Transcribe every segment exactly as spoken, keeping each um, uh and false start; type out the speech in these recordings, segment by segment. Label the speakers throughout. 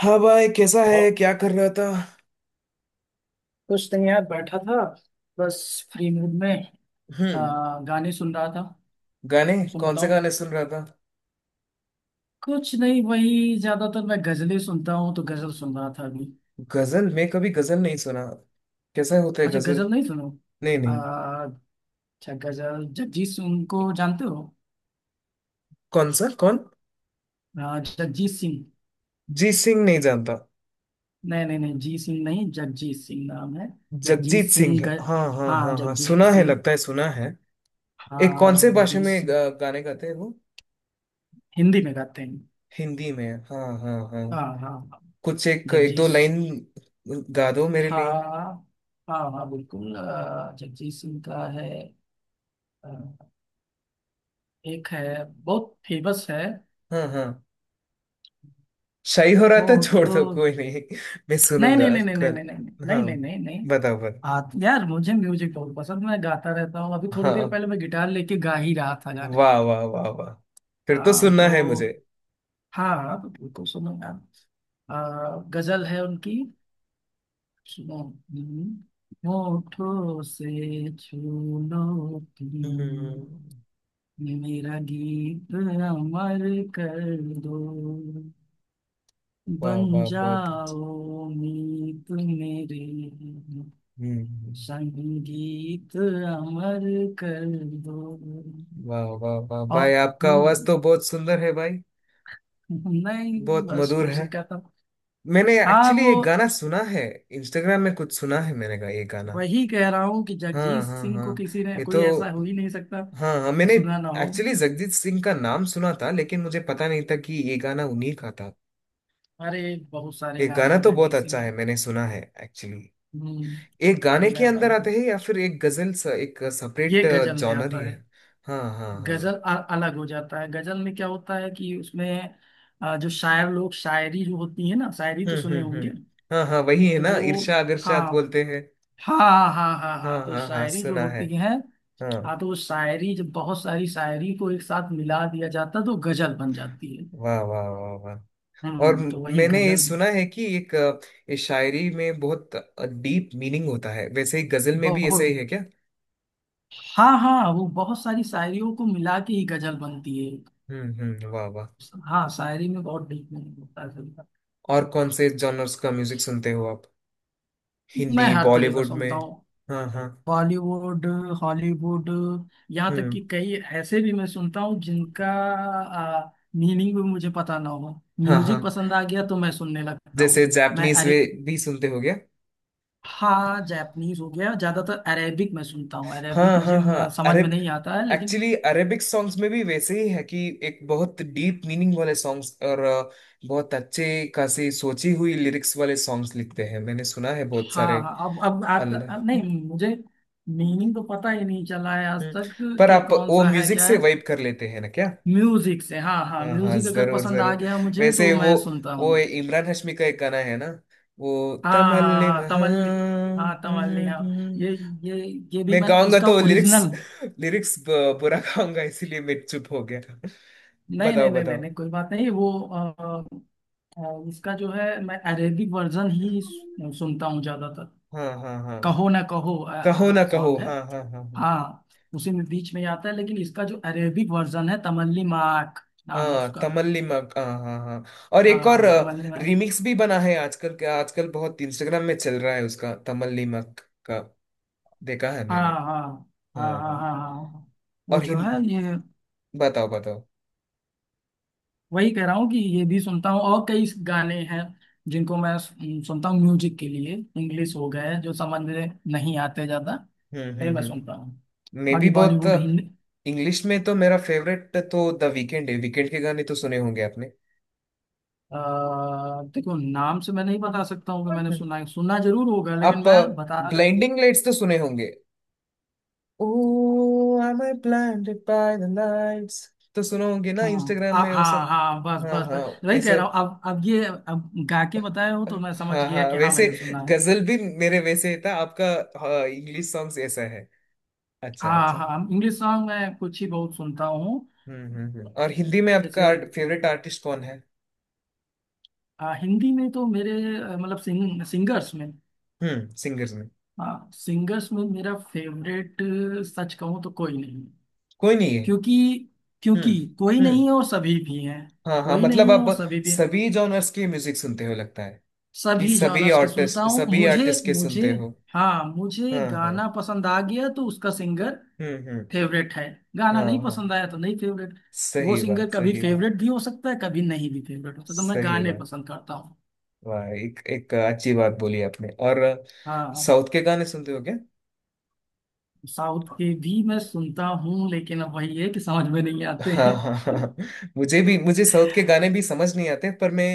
Speaker 1: हाँ भाई, कैसा है?
Speaker 2: और
Speaker 1: क्या कर रहा था?
Speaker 2: कुछ नहीं यार, बैठा था। बस फ्री मूड में
Speaker 1: हम्म।
Speaker 2: आ, गाने सुन रहा था।
Speaker 1: गाने?
Speaker 2: तुम
Speaker 1: कौन से
Speaker 2: बताओ।
Speaker 1: गाने सुन रहा था?
Speaker 2: कुछ नहीं, वही ज्यादातर मैं गजलें सुनता हूँ, तो गजल सुन रहा था अभी।
Speaker 1: गजल? मैं कभी गजल नहीं सुना। कैसा होता है
Speaker 2: अच्छा,
Speaker 1: गजल?
Speaker 2: गजल नहीं सुनो।
Speaker 1: नहीं,
Speaker 2: आ,
Speaker 1: नहीं।
Speaker 2: अच्छा, गजल, जगजीत सिंह को जानते हो।
Speaker 1: कौन सा? कौन?
Speaker 2: आ, जगजीत सिंह।
Speaker 1: जी सिंह नहीं जानता।
Speaker 2: नहीं नहीं नहीं, जी सिंह नहीं, जगजीत सिंह नाम है। जगजीत
Speaker 1: जगजीत सिंह।
Speaker 2: सिंह ग...
Speaker 1: हाँ हाँ
Speaker 2: हाँ,
Speaker 1: हाँ हाँ,
Speaker 2: जगजीत
Speaker 1: सुना है,
Speaker 2: सिंह।
Speaker 1: लगता है सुना है। एक कौन
Speaker 2: हाँ,
Speaker 1: से भाषा
Speaker 2: जगजीत
Speaker 1: में
Speaker 2: सिंह,
Speaker 1: गा- गाने गाते हैं वो?
Speaker 2: हिंदी में गाते हैं।
Speaker 1: हिंदी में? हाँ हाँ हाँ।
Speaker 2: हाँ हाँ,
Speaker 1: कुछ एक एक दो
Speaker 2: जगजीत।
Speaker 1: लाइन गा दो मेरे लिए।
Speaker 2: हाँ हाँ हाँ, बिल्कुल अ, जगजीत सिंह का है। अ, एक है, बहुत फेमस है।
Speaker 1: हाँ हाँ, शाही हो रहा था
Speaker 2: होठ
Speaker 1: छोड़ दो,
Speaker 2: नहीं
Speaker 1: कोई नहीं। मैं
Speaker 2: नहीं
Speaker 1: सुनूंगा
Speaker 2: नहीं नहीं नहीं
Speaker 1: कल।
Speaker 2: नहीं नहीं
Speaker 1: हाँ,
Speaker 2: नहीं नहीं नहीं नहीं।
Speaker 1: बताओ बताओ।
Speaker 2: आ, यार, मुझे म्यूजिक बहुत पसंद, मैं गाता रहता हूँ, अभी थोड़ी देर
Speaker 1: हाँ,
Speaker 2: पहले मैं गिटार लेके गा ही रहा था गाने।
Speaker 1: वाह वाह वाह वाह। फिर तो
Speaker 2: हाँ
Speaker 1: सुनना है
Speaker 2: तो।
Speaker 1: मुझे।
Speaker 2: हाँ हाँ, तो बिल्कुल सुनो यार। अ, गजल है उनकी। सुनो। हम्म, होठों से छू लो
Speaker 1: हम्म।
Speaker 2: तुम, ये मेरा गीत अमर कर दो,
Speaker 1: वाह
Speaker 2: बन
Speaker 1: वाह, बहुत अच्छा।
Speaker 2: जाओ मीत मेरे,
Speaker 1: हम्म हम्म।
Speaker 2: संगीत अमर कर दो।
Speaker 1: वाह वाह वाह,
Speaker 2: और।
Speaker 1: भाई आपका आवाज
Speaker 2: हम्म,
Speaker 1: तो बहुत सुंदर है भाई।
Speaker 2: नहीं,
Speaker 1: बहुत
Speaker 2: बस
Speaker 1: मधुर है।
Speaker 2: कोशिश करता हूँ।
Speaker 1: मैंने
Speaker 2: हाँ
Speaker 1: एक्चुअली
Speaker 2: वो,
Speaker 1: एक गाना सुना है, इंस्टाग्राम में कुछ सुना है मैंने का ये गाना।
Speaker 2: वही कह रहा हूँ कि
Speaker 1: हाँ
Speaker 2: जगजीत
Speaker 1: हाँ
Speaker 2: सिंह को
Speaker 1: हाँ।
Speaker 2: किसी ने,
Speaker 1: ये तो।
Speaker 2: कोई ऐसा हो ही नहीं सकता
Speaker 1: हाँ हाँ,
Speaker 2: कि
Speaker 1: मैंने
Speaker 2: सुना ना हो।
Speaker 1: एक्चुअली जगजीत सिंह का नाम सुना था लेकिन मुझे पता नहीं था कि ये गाना उन्हीं का था।
Speaker 2: अरे, बहुत सारे
Speaker 1: ये
Speaker 2: गाने
Speaker 1: गाना
Speaker 2: हैं
Speaker 1: तो बहुत
Speaker 2: जगजीत सिंह
Speaker 1: अच्छा
Speaker 2: के।
Speaker 1: है, मैंने सुना है एक्चुअली।
Speaker 2: हम्म
Speaker 1: एक
Speaker 2: ये
Speaker 1: गाने के
Speaker 2: गाना
Speaker 1: अंदर
Speaker 2: हो,
Speaker 1: आते हैं या फिर एक गजल सा एक
Speaker 2: ये
Speaker 1: सेपरेट
Speaker 2: गजल में
Speaker 1: जॉनर ही
Speaker 2: आता है।
Speaker 1: है? हाँ हाँ
Speaker 2: गजल
Speaker 1: हाँ।
Speaker 2: अ- अलग हो जाता है। गजल में क्या होता है कि उसमें अ, जो शायर लोग, शायरी जो होती है ना, शायरी
Speaker 1: हम्म
Speaker 2: तो सुने
Speaker 1: हम्म
Speaker 2: होंगे।
Speaker 1: हम्म। हाँ हाँ, वही है
Speaker 2: तो
Speaker 1: ना,
Speaker 2: वो।
Speaker 1: इरशा अगर
Speaker 2: हाँ
Speaker 1: शाद बोलते हैं।
Speaker 2: हाँ हाँ हाँ।
Speaker 1: हाँ
Speaker 2: हाँ तो
Speaker 1: हाँ हाँ,
Speaker 2: शायरी जो
Speaker 1: सुना है।
Speaker 2: होती है। हाँ
Speaker 1: हाँ,
Speaker 2: तो वो शायरी जब बहुत सारी शायरी को एक साथ मिला दिया जाता है, तो गजल बन जाती है।
Speaker 1: वाह वाह वाह वाह। और
Speaker 2: हम्म
Speaker 1: म-
Speaker 2: तो वही
Speaker 1: मैंने ये
Speaker 2: गजल।
Speaker 1: सुना है कि एक अ, इस शायरी में बहुत डीप मीनिंग होता है, वैसे ही गजल में भी ऐसा ही
Speaker 2: बहुत।
Speaker 1: है क्या?
Speaker 2: हाँ हाँ, वो बहुत सारी शायरियों को मिला के ही गजल बनती है।
Speaker 1: हम्म हम्म, वाह वाह।
Speaker 2: हाँ, शायरी में बहुत डीप मीनिंग होता है गजल का।
Speaker 1: और कौन से जॉनर्स का म्यूजिक सुनते हो आप?
Speaker 2: मैं
Speaker 1: हिंदी
Speaker 2: हर तरह का
Speaker 1: बॉलीवुड
Speaker 2: सुनता
Speaker 1: में?
Speaker 2: हूँ।
Speaker 1: हाँ हाँ।
Speaker 2: बॉलीवुड, हॉलीवुड, यहाँ तक
Speaker 1: हम्म।
Speaker 2: कि कई ऐसे भी मैं सुनता हूँ जिनका मीनिंग भी मुझे पता ना हो।
Speaker 1: हाँ हाँ।
Speaker 2: म्यूजिक पसंद आ गया तो मैं सुनने लगता हूँ।
Speaker 1: जैसे
Speaker 2: मैं,
Speaker 1: जापानीज
Speaker 2: अरे,
Speaker 1: वे भी सुनते हो गया?
Speaker 2: हाँ, जापानीज हो गया, ज्यादातर अरेबिक मैं सुनता हूँ। अरेबिक
Speaker 1: हाँ
Speaker 2: मुझे
Speaker 1: हाँ
Speaker 2: अ,
Speaker 1: हाँ,
Speaker 2: समझ में
Speaker 1: अरेब,
Speaker 2: नहीं आता है, लेकिन
Speaker 1: एक्चुअली अरेबिक सॉन्ग्स में भी वैसे ही है कि एक बहुत डीप मीनिंग वाले सॉन्ग्स और अ, बहुत अच्छे खासी सोची हुई लिरिक्स वाले सॉन्ग्स लिखते हैं, मैंने सुना है बहुत
Speaker 2: हाँ
Speaker 1: सारे।
Speaker 2: हाँ। अब अब आता, अब
Speaker 1: अल्लाह।
Speaker 2: नहीं, मुझे मीनिंग तो पता ही नहीं चला है आज
Speaker 1: हम्म।
Speaker 2: तक
Speaker 1: पर
Speaker 2: कि
Speaker 1: आप
Speaker 2: कौन
Speaker 1: वो
Speaker 2: सा है,
Speaker 1: म्यूजिक
Speaker 2: क्या
Speaker 1: से
Speaker 2: है।
Speaker 1: वाइब कर लेते हैं ना क्या?
Speaker 2: म्यूजिक से, हाँ हाँ,
Speaker 1: हाँ हाँ,
Speaker 2: म्यूजिक अगर
Speaker 1: जरूर
Speaker 2: पसंद आ
Speaker 1: जरूर।
Speaker 2: गया मुझे
Speaker 1: वैसे
Speaker 2: तो
Speaker 1: वो
Speaker 2: मैं सुनता हूँ।
Speaker 1: वो इमरान हाशमी का एक गाना है ना, वो
Speaker 2: हाँ हाँ हाँ
Speaker 1: तमल्लिम
Speaker 2: हाँ, तमल्ली।
Speaker 1: हाँ।
Speaker 2: हाँ, तमल्ली, हाँ। ये ये ये भी
Speaker 1: मैं
Speaker 2: मैंने
Speaker 1: गाऊंगा
Speaker 2: इसका
Speaker 1: तो लिरिक्स,
Speaker 2: ओरिजिनल,
Speaker 1: लिरिक्स बुरा गाऊंगा, इसीलिए मैं चुप हो गया।
Speaker 2: नहीं
Speaker 1: बताओ
Speaker 2: नहीं नहीं नहीं
Speaker 1: बताओ।
Speaker 2: नहीं, कोई बात नहीं। वो अ, अ, इसका जो है, मैं अरेबिक वर्जन ही सु- सुनता हूँ ज्यादातर।
Speaker 1: हाँ हाँ हाँ।
Speaker 2: कहो ना कहो
Speaker 1: कहो ना कहो
Speaker 2: सॉन्ग है।
Speaker 1: हाँ हाँ हाँ हाँ।
Speaker 2: हाँ, उसी में बीच में आता है, लेकिन इसका जो अरेबिक वर्जन है, तमल्ली माक नाम है
Speaker 1: हाँ
Speaker 2: उसका।
Speaker 1: तमल्ली मग हाँ हाँ हाँ। और एक और
Speaker 2: हाँ, तमल्ली माक।
Speaker 1: रिमिक्स भी बना है, आजकल के आजकल बहुत इंस्टाग्राम में चल रहा है उसका, तमल्ली मग का देखा है
Speaker 2: हाँ
Speaker 1: मैंने।
Speaker 2: हाँ हाँ
Speaker 1: हाँ
Speaker 2: हाँ हाँ
Speaker 1: हाँ।
Speaker 2: हाँ हाँ। वो
Speaker 1: और
Speaker 2: जो
Speaker 1: हिंद,
Speaker 2: है ये,
Speaker 1: बताओ बताओ।
Speaker 2: वही कह रहा हूँ कि ये भी सुनता हूँ, और कई गाने हैं जिनको मैं सुन- सुनता हूँ म्यूजिक के लिए। इंग्लिश हो गए, जो समझ में नहीं आते ज्यादा।
Speaker 1: हम्म
Speaker 2: नहीं,
Speaker 1: हम्म
Speaker 2: मैं सुनता
Speaker 1: हम्म।
Speaker 2: हूँ।
Speaker 1: मैं भी
Speaker 2: बाकी
Speaker 1: बहुत,
Speaker 2: बॉलीवुड हिंदी।
Speaker 1: इंग्लिश में तो मेरा फेवरेट तो द वीकेंड है। वीकेंड के गाने तो सुने होंगे आपने।
Speaker 2: अ, देखो, नाम से मैं नहीं बता सकता हूँ कि मैंने सुना है। सुना जरूर होगा,
Speaker 1: आप
Speaker 2: लेकिन मैं बता, अगर
Speaker 1: ब्लाइंडिंग लाइट्स तो सुने होंगे, ओ am I blinded by the lights, तो सुने होंगे ना
Speaker 2: हाँ
Speaker 1: इंस्टाग्राम
Speaker 2: आ,
Speaker 1: में वो
Speaker 2: हाँ
Speaker 1: सब।
Speaker 2: हाँ, बस
Speaker 1: हाँ
Speaker 2: बस
Speaker 1: हाँ,
Speaker 2: बस
Speaker 1: ये
Speaker 2: वही कह रहा हूँ।
Speaker 1: सब।
Speaker 2: अब अब ये, अब गा के बताए हो तो मैं समझ
Speaker 1: हाँ
Speaker 2: गया
Speaker 1: हाँ,
Speaker 2: कि हाँ,
Speaker 1: वैसे
Speaker 2: मैंने सुना है।
Speaker 1: गजल भी मेरे वैसे था, आपका इंग्लिश सॉन्ग्स ऐसा है। अच्छा
Speaker 2: हाँ
Speaker 1: अच्छा।
Speaker 2: हाँ, इंग्लिश सॉन्ग मैं कुछ ही, बहुत सुनता हूँ
Speaker 1: हम्म हम्म हम्म। और हिंदी में
Speaker 2: जैसे।
Speaker 1: आपका फेवरेट आर्टिस्ट कौन है?
Speaker 2: हाँ, हिंदी में तो मेरे अ, मतलब सिंग, सिंगर्स में,
Speaker 1: हम्म, सिंगर्स में?
Speaker 2: हाँ, सिंगर्स में मेरा फेवरेट सच कहूँ तो कोई नहीं।
Speaker 1: कोई नहीं है?
Speaker 2: क्योंकि क्योंकि
Speaker 1: हम्म
Speaker 2: कोई नहीं
Speaker 1: हम्म।
Speaker 2: है और सभी भी हैं।
Speaker 1: हाँ हाँ,
Speaker 2: कोई
Speaker 1: मतलब
Speaker 2: नहीं है
Speaker 1: आप
Speaker 2: और सभी भी,
Speaker 1: सभी जॉनर्स की म्यूजिक सुनते हो लगता है, कि
Speaker 2: सभी
Speaker 1: सभी
Speaker 2: जॉनर्स के सुनता
Speaker 1: आर्टिस्ट,
Speaker 2: हूँ
Speaker 1: सभी
Speaker 2: मुझे।
Speaker 1: आर्टिस्ट के
Speaker 2: मुझे,
Speaker 1: सुनते हो।
Speaker 2: हाँ, मुझे
Speaker 1: हाँ हाँ।
Speaker 2: गाना पसंद आ गया तो उसका सिंगर
Speaker 1: हम्म हम्म।
Speaker 2: फेवरेट है। गाना
Speaker 1: हाँ
Speaker 2: नहीं
Speaker 1: हाँ,
Speaker 2: पसंद आया तो नहीं फेवरेट। वो
Speaker 1: सही
Speaker 2: सिंगर
Speaker 1: बात,
Speaker 2: कभी
Speaker 1: सही बात।
Speaker 2: फेवरेट भी हो सकता है, कभी नहीं भी फेवरेट हो सकता, मैं
Speaker 1: सही
Speaker 2: गाने
Speaker 1: बात।
Speaker 2: पसंद करता हूँ।
Speaker 1: वाह, एक एक अच्छी बात बोली आपने। और
Speaker 2: हाँ,
Speaker 1: साउथ के गाने सुनते हो क्या?
Speaker 2: साउथ के भी मैं सुनता हूँ, लेकिन अब वही है कि समझ में नहीं आते
Speaker 1: हाँ
Speaker 2: हैं।
Speaker 1: हाँ हाँ हाँ। मुझे भी, मुझे साउथ के गाने भी समझ नहीं आते, पर मैं,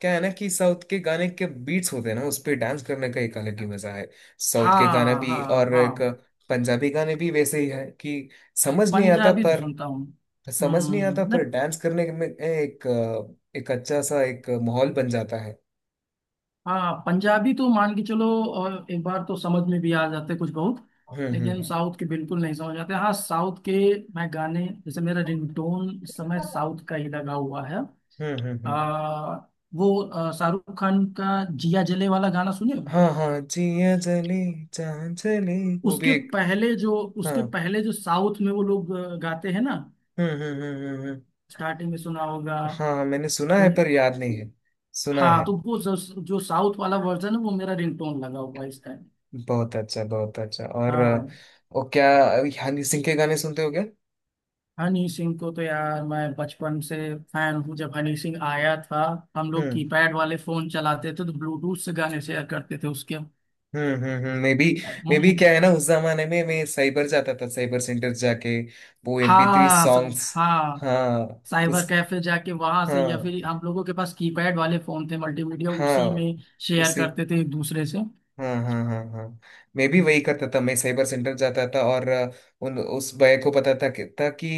Speaker 1: क्या है ना कि साउथ के गाने के बीट्स होते हैं ना, उस पे डांस करने का एक अलग ही मजा है। साउथ के गाने
Speaker 2: हाँ
Speaker 1: भी
Speaker 2: हाँ
Speaker 1: और एक
Speaker 2: हाँ
Speaker 1: पंजाबी गाने भी वैसे ही है कि
Speaker 2: हाँ,
Speaker 1: समझ नहीं आता
Speaker 2: पंजाबी तो
Speaker 1: पर,
Speaker 2: सुनता हूँ।
Speaker 1: समझ नहीं आता
Speaker 2: हम्म
Speaker 1: पर
Speaker 2: नहीं,
Speaker 1: डांस करने में एक, एक अच्छा सा एक माहौल बन जाता है।
Speaker 2: हाँ, पंजाबी तो मान के चलो। और एक बार तो समझ में भी आ जाते कुछ बहुत,
Speaker 1: हम्म
Speaker 2: लेकिन
Speaker 1: हम्म
Speaker 2: साउथ के बिल्कुल नहीं समझ आते। हाँ, साउथ के, मैं गाने जैसे मेरा रिंगटोन इस समय साउथ का ही लगा हुआ है।
Speaker 1: हम्म हम्म हम्म।
Speaker 2: आ, वो आ, शाहरुख खान का जिया जले वाला गाना सुने हो।
Speaker 1: हाँ हाँ, जिया जली जान चली, वो भी
Speaker 2: उसके
Speaker 1: एक।
Speaker 2: पहले जो
Speaker 1: हाँ।
Speaker 2: उसके पहले जो साउथ में वो लोग अ, गाते हैं ना,
Speaker 1: हम्म हम्म हम्म हम्म हम्म।
Speaker 2: स्टार्टिंग में सुना होगा।
Speaker 1: हाँ, मैंने सुना है
Speaker 2: उन-
Speaker 1: पर याद नहीं है। सुना है।
Speaker 2: हाँ, तो वो जो, जो साउथ वाला वर्जन है वो मेरा रिंगटोन लगा हुआ है इस टाइम।
Speaker 1: बहुत अच्छा, बहुत अच्छा। और अ,
Speaker 2: हाँ,
Speaker 1: वो क्या, हनी सिंह के गाने सुनते हो क्या?
Speaker 2: हनी सिंह को तो यार, मैं बचपन से फैन हूँ। जब हनी सिंह आया था, हम लोग
Speaker 1: हम्म
Speaker 2: कीपैड वाले फोन चलाते थे तो ब्लूटूथ से गाने शेयर करते थे उसके।
Speaker 1: हम्म हम्म हम्म। मैं भी, मैं भी
Speaker 2: हम्म।
Speaker 1: क्या है ना, उस जमाने में मैं साइबर जाता था, साइबर सेंटर जाके वो एमपी थ्री
Speaker 2: हाँ, सं-
Speaker 1: सॉन्ग्स।
Speaker 2: हाँ,
Speaker 1: हाँ उस,
Speaker 2: साइबर कैफे जाके, वहां से, या
Speaker 1: हाँ
Speaker 2: फिर हम लोगों के पास कीपैड वाले फोन थे, मल्टीमीडिया उसी
Speaker 1: हाँ
Speaker 2: में शेयर
Speaker 1: उसी,
Speaker 2: करते थे एक दूसरे से।
Speaker 1: हाँ हाँ हाँ हाँ, मैं भी
Speaker 2: हम्म।
Speaker 1: वही करता था। मैं साइबर सेंटर जाता था और अ, उन उस भैया को पता था कि, था कि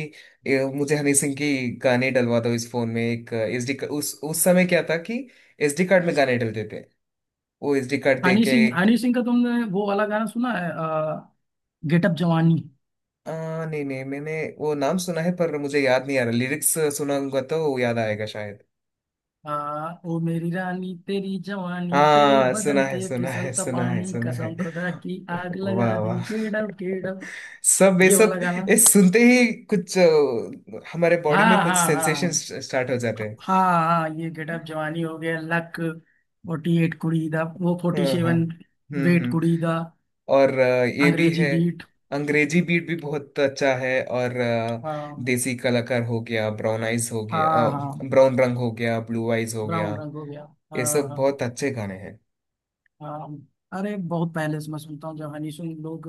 Speaker 1: ए, मुझे हनी सिंह की गाने डलवा दो इस फोन में एक एसडी, उस उस समय क्या था कि एसडी कार्ड में गाने डलते थे, वो एसडी कार्ड दे
Speaker 2: हनी
Speaker 1: के।
Speaker 2: सिंह, हनी सिंह का तुमने वो वाला गाना सुना है, अ, गेटअप जवानी।
Speaker 1: आ, नहीं नहीं, मैंने वो नाम सुना है पर मुझे याद नहीं आ रहा लिरिक्स, सुनाऊंगा तो वो याद आएगा शायद।
Speaker 2: आ, ओ मेरी रानी तेरी जवानी, तेरे
Speaker 1: हाँ, सुना
Speaker 2: बदन
Speaker 1: है
Speaker 2: पे
Speaker 1: सुना है
Speaker 2: फिसलता
Speaker 1: सुना है
Speaker 2: पानी,
Speaker 1: सुना
Speaker 2: कसम
Speaker 1: है
Speaker 2: खुदा की आग लगा
Speaker 1: वाह
Speaker 2: दी,
Speaker 1: वाह।
Speaker 2: केडम केडम।
Speaker 1: सब वे
Speaker 2: ये वाला
Speaker 1: सब,
Speaker 2: गाना।
Speaker 1: ये सुनते ही कुछ अ, हमारे बॉडी
Speaker 2: हाँ
Speaker 1: में कुछ
Speaker 2: हाँ हाँ
Speaker 1: सेंसेशन स्टार्ट हो जाते
Speaker 2: हाँ
Speaker 1: हैं।
Speaker 2: हाँ। ये गेटअप जवानी हो गया, लक फोर्टी एट कुड़ी दा, वो फोर्टी
Speaker 1: हाँ हाँ।
Speaker 2: सेवन
Speaker 1: हम्म
Speaker 2: वेट
Speaker 1: हम्म।
Speaker 2: कुड़ी दा,
Speaker 1: और अ, ये भी
Speaker 2: अंग्रेजी
Speaker 1: है
Speaker 2: बीट।
Speaker 1: अंग्रेजी बीट भी बहुत अच्छा है। और अ,
Speaker 2: हाँ
Speaker 1: देसी कलाकार हो गया, ब्राउन आइज हो गया,
Speaker 2: हाँ हाँ।
Speaker 1: ब्राउन रंग हो गया, ब्लू आइज हो गया,
Speaker 2: ब्राउन रंग हो गया।
Speaker 1: ये
Speaker 2: हाँ
Speaker 1: सब
Speaker 2: हाँ
Speaker 1: बहुत अच्छे गाने हैं।
Speaker 2: हाँ। अरे, बहुत पहले से मैं सुनता हूँ जब हनी सिंह लोग,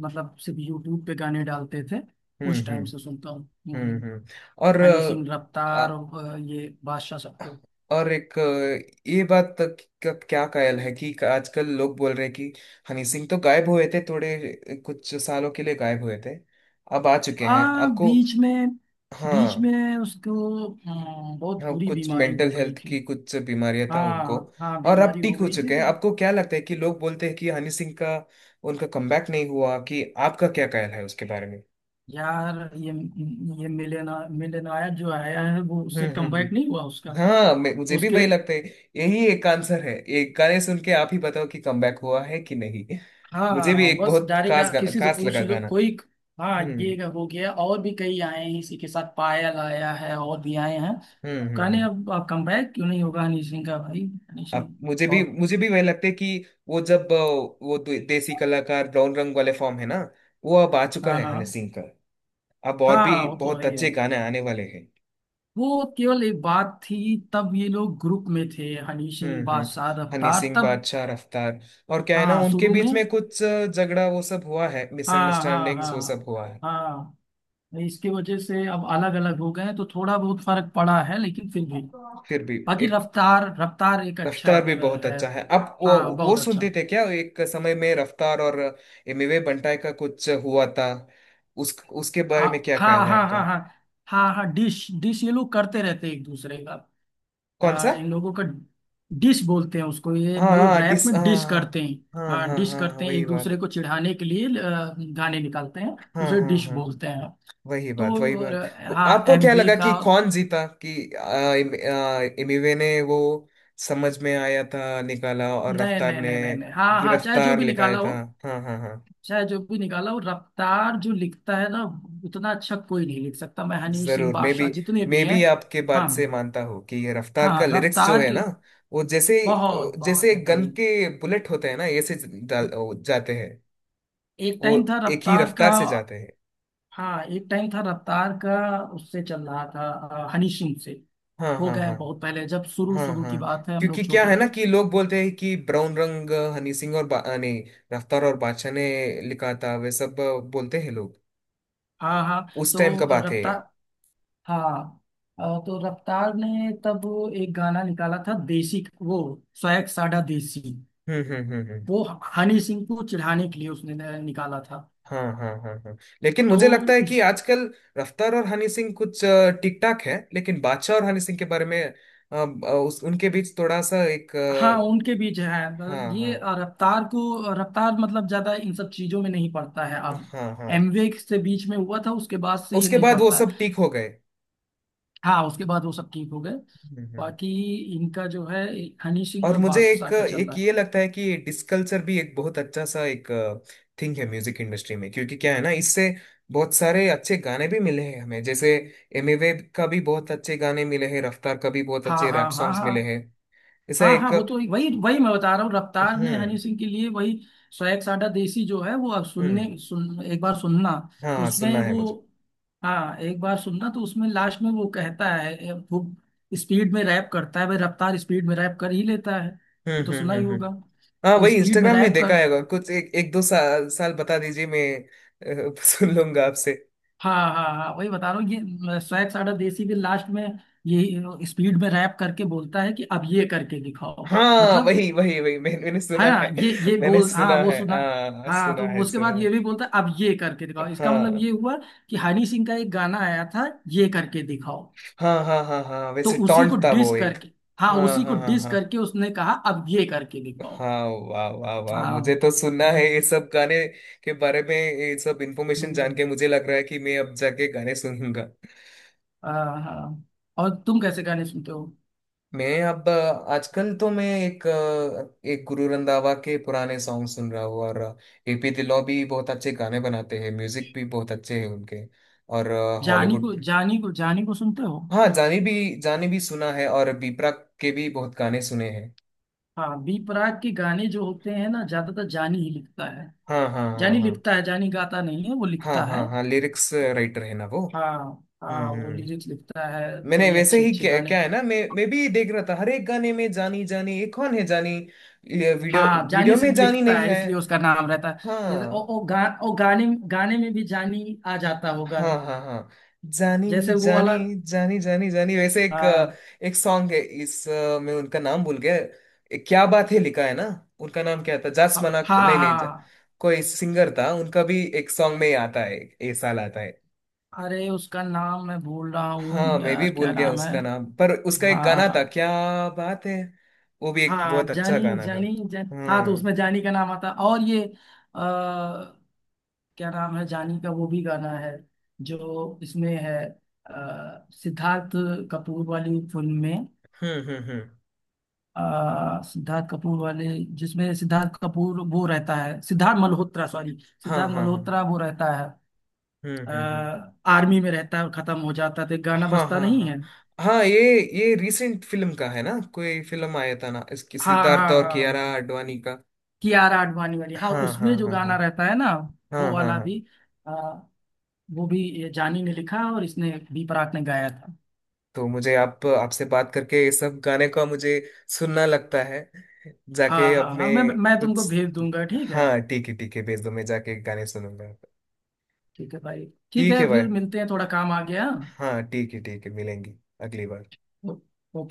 Speaker 2: मतलब, सिर्फ यूट्यूब पे गाने डालते थे,
Speaker 1: हम्म
Speaker 2: उस
Speaker 1: हम्म
Speaker 2: टाइम से सुनता हूँ।
Speaker 1: हम्म
Speaker 2: हम्म,
Speaker 1: हम्म। और
Speaker 2: हनी सिंह, रफ्तार और अ, ये बादशाह सबको।
Speaker 1: और एक अ, ये बात तक का क्या कायल है कि आजकल लोग बोल रहे हैं कि हनी सिंह तो गायब हुए थे थोड़े, कुछ सालों के लिए गायब हुए थे, अब आ चुके हैं।
Speaker 2: हाँ,
Speaker 1: आपको
Speaker 2: बीच में, बीच
Speaker 1: हाँ।
Speaker 2: में उसको अ, बहुत
Speaker 1: हाँ,
Speaker 2: बुरी
Speaker 1: कुछ
Speaker 2: बीमारी
Speaker 1: मेंटल
Speaker 2: हो गई
Speaker 1: हेल्थ
Speaker 2: थी।
Speaker 1: की कुछ बीमारियां था उनको।
Speaker 2: हाँ हाँ,
Speaker 1: और अब
Speaker 2: बीमारी
Speaker 1: ठीक
Speaker 2: हो
Speaker 1: हो
Speaker 2: गई थी
Speaker 1: चुके हैं,
Speaker 2: तो
Speaker 1: आपको क्या लगता है कि लोग बोलते हैं कि हनी सिंह का, उनका कमबैक नहीं हुआ, कि आपका क्या कायल है उसके बारे में?
Speaker 2: यार ये ये मिलेना मिलेनायक जो आया है, वो
Speaker 1: हम्म
Speaker 2: उससे
Speaker 1: हम्म
Speaker 2: कमबैक नहीं
Speaker 1: हम्म।
Speaker 2: हुआ उसका।
Speaker 1: हाँ मैं- मुझे भी
Speaker 2: उसके,
Speaker 1: वही लगता है। यही एक आंसर है, एक गाने सुन के आप ही बताओ कि कमबैक हुआ है कि नहीं। मुझे भी
Speaker 2: हाँ,
Speaker 1: एक
Speaker 2: बस
Speaker 1: बहुत खास
Speaker 2: डायरेक्ट
Speaker 1: गाना,
Speaker 2: किसी से
Speaker 1: खास
Speaker 2: पूछ
Speaker 1: लगा
Speaker 2: लो
Speaker 1: गाना।
Speaker 2: कोई। हाँ, ये
Speaker 1: हम्म
Speaker 2: हो गया, और भी कई आए हैं इसी के साथ, पायल आया है, और भी आए हैं,
Speaker 1: हम्म हम्म
Speaker 2: कहने
Speaker 1: हम्म।
Speaker 2: अब कमबैक क्यों नहीं होगा हनी सिंह का, भाई। हनी सिंह,
Speaker 1: अब मुझे भी,
Speaker 2: बहुत।
Speaker 1: मुझे भी वही लगता है कि वो जब अ, वो दे- देसी कलाकार, ब्राउन रंग वाले फॉर्म है ना, वो अब आ चुका
Speaker 2: हाँ
Speaker 1: है हनी
Speaker 2: हाँ
Speaker 1: सिंह का। अब और भी
Speaker 2: हाँ, वो तो है
Speaker 1: बहुत
Speaker 2: ही है,
Speaker 1: अच्छे गाने आने वाले हैं।
Speaker 2: वो केवल एक बात थी तब ये लोग ग्रुप में थे, हनी सिंह,
Speaker 1: हम्म हम्म।
Speaker 2: बादशाह,
Speaker 1: हनी
Speaker 2: रफ्तार
Speaker 1: सिंह
Speaker 2: तब।
Speaker 1: बादशाह रफ्तार, और क्या है ना,
Speaker 2: हाँ,
Speaker 1: उनके
Speaker 2: शुरू में,
Speaker 1: बीच में कुछ अ, झगड़ा वो सब हुआ है,
Speaker 2: हाँ हाँ
Speaker 1: मिसअंडरस्टैंडिंग्स वो सब
Speaker 2: हाँ
Speaker 1: हुआ है।
Speaker 2: हाँ, इसकी वजह से अब अलग अलग हो गए हैं, तो थोड़ा बहुत फर्क पड़ा है, लेकिन फिर भी
Speaker 1: फिर भी
Speaker 2: बाकी
Speaker 1: एक,
Speaker 2: रफ्तार, रफ्तार एक अच्छा
Speaker 1: रफ्तार भी
Speaker 2: अ,
Speaker 1: बहुत
Speaker 2: है।
Speaker 1: अच्छा है। आप वो
Speaker 2: हाँ,
Speaker 1: वो
Speaker 2: बहुत अच्छा।
Speaker 1: सुनते थे क्या, एक समय में रफ्तार और एमिवे बंटाई का कुछ हुआ था, उस, उसके बारे
Speaker 2: आ,
Speaker 1: में क्या
Speaker 2: हाँ हाँ
Speaker 1: ख्याल है
Speaker 2: हाँ
Speaker 1: आपका?
Speaker 2: हाँ हाँ हाँ, डिश डिश ये लोग करते रहते हैं एक दूसरे का।
Speaker 1: कौन
Speaker 2: आ,
Speaker 1: सा?
Speaker 2: इन लोगों का डिश बोलते हैं उसको, ये
Speaker 1: हाँ
Speaker 2: लोग
Speaker 1: हाँ,
Speaker 2: रैप
Speaker 1: डिस
Speaker 2: में डिश
Speaker 1: हाँ।
Speaker 2: करते हैं।
Speaker 1: हाँ हाँ
Speaker 2: हाँ,
Speaker 1: हाँ हाँ,
Speaker 2: डिश
Speaker 1: हाँ, हाँ,
Speaker 2: करते हैं
Speaker 1: वही
Speaker 2: एक
Speaker 1: बात।
Speaker 2: दूसरे को चिढ़ाने के लिए अ, गाने निकालते हैं,
Speaker 1: हाँ
Speaker 2: उसे
Speaker 1: हाँ
Speaker 2: डिश
Speaker 1: हाँ,
Speaker 2: बोलते हैं।
Speaker 1: वही बात, वही
Speaker 2: तो और,
Speaker 1: बात। वो,
Speaker 2: हाँ,
Speaker 1: आपको क्या
Speaker 2: एमवे
Speaker 1: लगा
Speaker 2: का,
Speaker 1: कि कौन जीता, कि आ, एम- आ, एमिवे ने वो समझ में आया था निकाला, और
Speaker 2: नहीं
Speaker 1: रफ्तार
Speaker 2: नहीं
Speaker 1: ने
Speaker 2: नहीं नहीं नहीं, हाँ हाँ, चाहे जो
Speaker 1: गिरफ्तार
Speaker 2: भी
Speaker 1: लिखाया
Speaker 2: निकाला हो,
Speaker 1: था। हाँ हाँ हाँ,
Speaker 2: चाहे जो भी निकाला, वो रफ्तार जो लिखता है ना, उतना अच्छा कोई नहीं लिख सकता, मैं हनीश सिंह
Speaker 1: जरूर। मे बी,
Speaker 2: बादशाह जितने भी
Speaker 1: मे
Speaker 2: हैं।
Speaker 1: बी आपके बात
Speaker 2: हाँ
Speaker 1: से मानता हूँ कि ये रफ्तार का
Speaker 2: हाँ,
Speaker 1: लिरिक्स जो
Speaker 2: रफ्तार
Speaker 1: है ना,
Speaker 2: की
Speaker 1: वो जैसे,
Speaker 2: बहुत बहुत
Speaker 1: जैसे गन
Speaker 2: बेहतरीन,
Speaker 1: के बुलेट होते हैं ना ऐसे डाल- जाते हैं,
Speaker 2: एक
Speaker 1: वो
Speaker 2: टाइम था
Speaker 1: एक ही
Speaker 2: रफ्तार
Speaker 1: रफ्तार
Speaker 2: का।
Speaker 1: से जाते हैं।
Speaker 2: हाँ, एक टाइम था रफ्तार का, उससे चल रहा था अ, हनीश सिंह से,
Speaker 1: हाँ
Speaker 2: हो
Speaker 1: हाँ
Speaker 2: गए हैं
Speaker 1: हाँ
Speaker 2: बहुत पहले, जब शुरू
Speaker 1: हाँ
Speaker 2: शुरू की
Speaker 1: हाँ।
Speaker 2: बात है हम
Speaker 1: क्योंकि
Speaker 2: लोग
Speaker 1: क्या
Speaker 2: छोटे
Speaker 1: है ना
Speaker 2: थे।
Speaker 1: कि लोग बोलते हैं कि ब्राउन रंग हनी सिंह और बा, आ, नहीं, रफ्तार और बादशाह ने लिखा था वे सब, बोलते हैं लोग,
Speaker 2: हाँ हाँ,
Speaker 1: उस टाइम का
Speaker 2: तो
Speaker 1: बात है
Speaker 2: रफ्तार,
Speaker 1: ये।
Speaker 2: हाँ, अ, तो रफ्तार ने तब एक गाना निकाला था, देसी। वो सोएग साडा देसी,
Speaker 1: हम्म हम्म हम्म हम्म।
Speaker 2: वो हनी सिंह को चिढ़ाने के लिए उसने न- निकाला था
Speaker 1: हाँ हाँ हाँ हाँ, लेकिन
Speaker 2: तो,
Speaker 1: मुझे लगता है कि
Speaker 2: उस
Speaker 1: आजकल रफ्तार और हनी सिंह कुछ ठीक ठाक है, लेकिन बादशाह और हनी सिंह के बारे में अ, अ, उस, उनके बीच थोड़ा सा एक
Speaker 2: हाँ,
Speaker 1: अ,
Speaker 2: उनके बीच है। मतलब
Speaker 1: हाँ
Speaker 2: ये
Speaker 1: हाँ
Speaker 2: रफ्तार को, रफ्तार मतलब ज्यादा इन सब चीजों में नहीं पड़ता है अब,
Speaker 1: हाँ हाँ,
Speaker 2: एमवे से बीच में हुआ था, उसके बाद से ये
Speaker 1: उसके
Speaker 2: नहीं
Speaker 1: बाद वो
Speaker 2: पड़ता है।
Speaker 1: सब ठीक हो गए।
Speaker 2: हाँ, उसके बाद वो सब ठीक हो गए।
Speaker 1: हम्म, हम्म।
Speaker 2: बाकी इनका जो है, हनी सिंह
Speaker 1: और
Speaker 2: और
Speaker 1: मुझे
Speaker 2: बादशाह
Speaker 1: एक
Speaker 2: का चल
Speaker 1: एक
Speaker 2: रहा है।
Speaker 1: ये लगता है कि डिसकल्चर भी एक बहुत अच्छा सा एक थिंग है म्यूजिक इंडस्ट्री में, क्योंकि क्या है ना, इससे बहुत सारे अच्छे गाने भी मिले हैं हमें। जैसे एमिवे का भी बहुत अच्छे गाने मिले हैं, रफ्तार का भी बहुत
Speaker 2: हाँ
Speaker 1: अच्छे रैप
Speaker 2: हाँ हाँ
Speaker 1: सॉन्ग्स मिले
Speaker 2: हाँ
Speaker 1: हैं, ऐसा
Speaker 2: हाँ हाँ,
Speaker 1: एक।
Speaker 2: वो तो वही वही मैं बता रहा हूँ। रफ्तार ने हनी
Speaker 1: हम्म
Speaker 2: सिंह के लिए वही सौ एक साडा देसी जो है, वो अब सुनने,
Speaker 1: हम्म।
Speaker 2: सुन एक बार सुनना तो
Speaker 1: हाँ, सुनना
Speaker 2: उसमें
Speaker 1: है मुझे।
Speaker 2: वो, हाँ, एक बार सुनना। तो उसमें लास्ट में वो कहता है, ए, वो स्पीड में रैप करता है भाई, रफ्तार स्पीड में रैप कर ही लेता है,
Speaker 1: हम्म
Speaker 2: ये तो
Speaker 1: हम्म
Speaker 2: सुना
Speaker 1: हम्म
Speaker 2: ही होगा।
Speaker 1: हम्म। हाँ,
Speaker 2: वो
Speaker 1: वही
Speaker 2: स्पीड में
Speaker 1: इंस्टाग्राम में
Speaker 2: रैप
Speaker 1: देखा
Speaker 2: कर,
Speaker 1: है कुछ एक एक दो साल, साल बता दीजिए मैं अ, सुन लूंगा आपसे।
Speaker 2: हाँ हाँ हाँ, वही बता रहा हूँ, ये सौ एक साडा देसी भी लास्ट में यही स्पीड में रैप करके बोलता है कि अब ये करके दिखाओ।
Speaker 1: हाँ,
Speaker 2: मतलब,
Speaker 1: वही वही वही, मैंने मैंने सुना
Speaker 2: है ना,
Speaker 1: है
Speaker 2: ये ये
Speaker 1: मैंने
Speaker 2: बोल,
Speaker 1: सुना
Speaker 2: हाँ, वो
Speaker 1: है,
Speaker 2: सुना।
Speaker 1: हाँ
Speaker 2: हाँ
Speaker 1: सुना
Speaker 2: तो
Speaker 1: है
Speaker 2: उसके
Speaker 1: सुना
Speaker 2: बाद
Speaker 1: है।
Speaker 2: ये भी बोलता है, अब ये करके दिखाओ, इसका मतलब
Speaker 1: हाँ
Speaker 2: ये हुआ कि हनी सिंह का एक गाना आया था, ये करके दिखाओ,
Speaker 1: हाँ हाँ हाँ। हाँ
Speaker 2: तो
Speaker 1: वैसे
Speaker 2: उसी को
Speaker 1: टॉन्ट था
Speaker 2: डिस
Speaker 1: वो एक।
Speaker 2: करके, हाँ,
Speaker 1: हाँ
Speaker 2: उसी को
Speaker 1: हाँ हाँ
Speaker 2: डिस
Speaker 1: हाँ।
Speaker 2: करके उसने कहा अब ये करके दिखाओ।
Speaker 1: हाँ वाह वाह वाह,
Speaker 2: हाँ,
Speaker 1: मुझे तो सुनना है
Speaker 2: हम्म,
Speaker 1: ये सब गाने के बारे में, ये सब इंफॉर्मेशन जान
Speaker 2: हम्म,
Speaker 1: के मुझे लग रहा है कि मैं अब जाके गाने सुनूंगा।
Speaker 2: हाँ हाँ। और तुम कैसे गाने सुनते हो।
Speaker 1: मैं अब अ, आजकल तो मैं एक अ, एक गुरु रंधावा के पुराने सॉन्ग सुन रहा हूँ और एपी दिलो भी बहुत अच्छे गाने बनाते हैं, म्यूजिक भी बहुत अच्छे हैं उनके। और
Speaker 2: जानी को
Speaker 1: हॉलीवुड।
Speaker 2: जानी को जानी को सुनते हो।
Speaker 1: हाँ जानी भी, जानी भी सुना है, और बीपरा के भी बहुत गाने सुने हैं।
Speaker 2: हाँ, बी प्राक के गाने जो होते हैं ना, ज्यादातर जानी ही लिखता है,
Speaker 1: हाँ हाँ हाँ
Speaker 2: जानी
Speaker 1: हाँ।
Speaker 2: लिखता है, जानी गाता नहीं है, वो
Speaker 1: हाँ
Speaker 2: लिखता
Speaker 1: हाँ
Speaker 2: है।
Speaker 1: हाँ, लिरिक्स राइटर है ना वो।
Speaker 2: हाँ
Speaker 1: हम्म
Speaker 2: हाँ,
Speaker 1: हम्म
Speaker 2: वो
Speaker 1: हम्म।
Speaker 2: लिरिक्स लिखता है,
Speaker 1: मैंने
Speaker 2: कई
Speaker 1: वैसे
Speaker 2: अच्छे
Speaker 1: ही
Speaker 2: अच्छे
Speaker 1: क्या,
Speaker 2: गाने।
Speaker 1: क्या है ना, मैं मैं भी देख रहा था हर एक गाने में जानी जानी, ये कौन है जानी, ये वीडियो,
Speaker 2: हाँ, जानी
Speaker 1: वीडियो में
Speaker 2: सिर्फ
Speaker 1: जानी
Speaker 2: लिखता
Speaker 1: नहीं
Speaker 2: है,
Speaker 1: है।
Speaker 2: इसलिए उसका नाम रहता है, जैसे ओ
Speaker 1: हाँ
Speaker 2: ओ, गा, ओ गाने गाने में भी जानी आ जाता होगा,
Speaker 1: हाँ हाँ हाँ। जानी
Speaker 2: जैसे वो
Speaker 1: जानी
Speaker 2: वाला।
Speaker 1: जानी जानी जानी, वैसे एक अ,
Speaker 2: हाँ
Speaker 1: एक सॉन्ग है इस अ, मैं उनका नाम भूल गया, ए, क्या बात है लिखा है ना, उनका नाम क्या था, जास
Speaker 2: हाँ
Speaker 1: मना,
Speaker 2: हाँ
Speaker 1: नहीं नहीं जा,
Speaker 2: हाँ।
Speaker 1: कोई सिंगर था, उनका भी एक सॉन्ग में ही आता है ये, साल आता है।
Speaker 2: अरे, उसका नाम मैं भूल रहा
Speaker 1: हाँ
Speaker 2: हूँ
Speaker 1: मैं भी
Speaker 2: यार,
Speaker 1: भूल
Speaker 2: क्या
Speaker 1: गया
Speaker 2: नाम है,
Speaker 1: उसका नाम, पर उसका एक
Speaker 2: हाँ
Speaker 1: गाना
Speaker 2: हाँ
Speaker 1: था, क्या बात है, वो भी एक
Speaker 2: हाँ,
Speaker 1: बहुत अच्छा
Speaker 2: जानी
Speaker 1: गाना था।
Speaker 2: जानी जान हाँ तो
Speaker 1: हम्म
Speaker 2: उसमें जानी का नाम आता, और ये क्या नाम है, जानी का वो भी गाना है जो इसमें है, अ, सिद्धार्थ कपूर वाली फिल्म में,
Speaker 1: हम्म हम्म हम्म।
Speaker 2: अ, सिद्धार्थ कपूर वाले, जिसमें सिद्धार्थ कपूर वो रहता है, सिद्धार्थ मल्होत्रा, सॉरी,
Speaker 1: हाँ
Speaker 2: सिद्धार्थ
Speaker 1: हाँ हाँ।
Speaker 2: मल्होत्रा वो रहता है,
Speaker 1: हम्म
Speaker 2: अ,
Speaker 1: हम्म हम्म।
Speaker 2: आर्मी में रहता है और खत्म हो जाता है तो एक गाना
Speaker 1: हाँ
Speaker 2: बजता
Speaker 1: हाँ
Speaker 2: नहीं
Speaker 1: हाँ
Speaker 2: है।
Speaker 1: हाँ, ये ये रीसेंट फिल्म का है ना, कोई फिल्म आया था ना इसकी,
Speaker 2: हाँ
Speaker 1: सिद्धार्थ
Speaker 2: हाँ
Speaker 1: और
Speaker 2: हाँ
Speaker 1: कियारा
Speaker 2: हाँ,
Speaker 1: आडवाणी का।
Speaker 2: कियारा आडवाणी वाली, हाँ
Speaker 1: हाँ हाँ
Speaker 2: उसमें जो
Speaker 1: हाँ हाँ।
Speaker 2: गाना रहता है ना,
Speaker 1: हाँ
Speaker 2: वो
Speaker 1: हाँ
Speaker 2: वाला
Speaker 1: हाँ।
Speaker 2: भी अ, वो भी ये जानी ने लिखा और इसने भी प्राक ने गाया था।
Speaker 1: तो मुझे आप, आपसे बात करके ये सब गाने का मुझे सुनना लगता है, जाके
Speaker 2: हाँ
Speaker 1: अब
Speaker 2: हाँ
Speaker 1: मैं
Speaker 2: हाँ, मैं मैं तुमको
Speaker 1: कुछ।
Speaker 2: भेज दूंगा, ठीक है,
Speaker 1: हाँ ठीक है ठीक है, भेज दो, मैं जाके गाने सुनूंगा।
Speaker 2: ठीक है भाई, ठीक
Speaker 1: ठीक
Speaker 2: है,
Speaker 1: है भाई।
Speaker 2: फिर मिलते हैं, थोड़ा काम आ गया।
Speaker 1: हाँ ठीक है ठीक है, मिलेंगे अगली बार।
Speaker 2: ओ- ओके।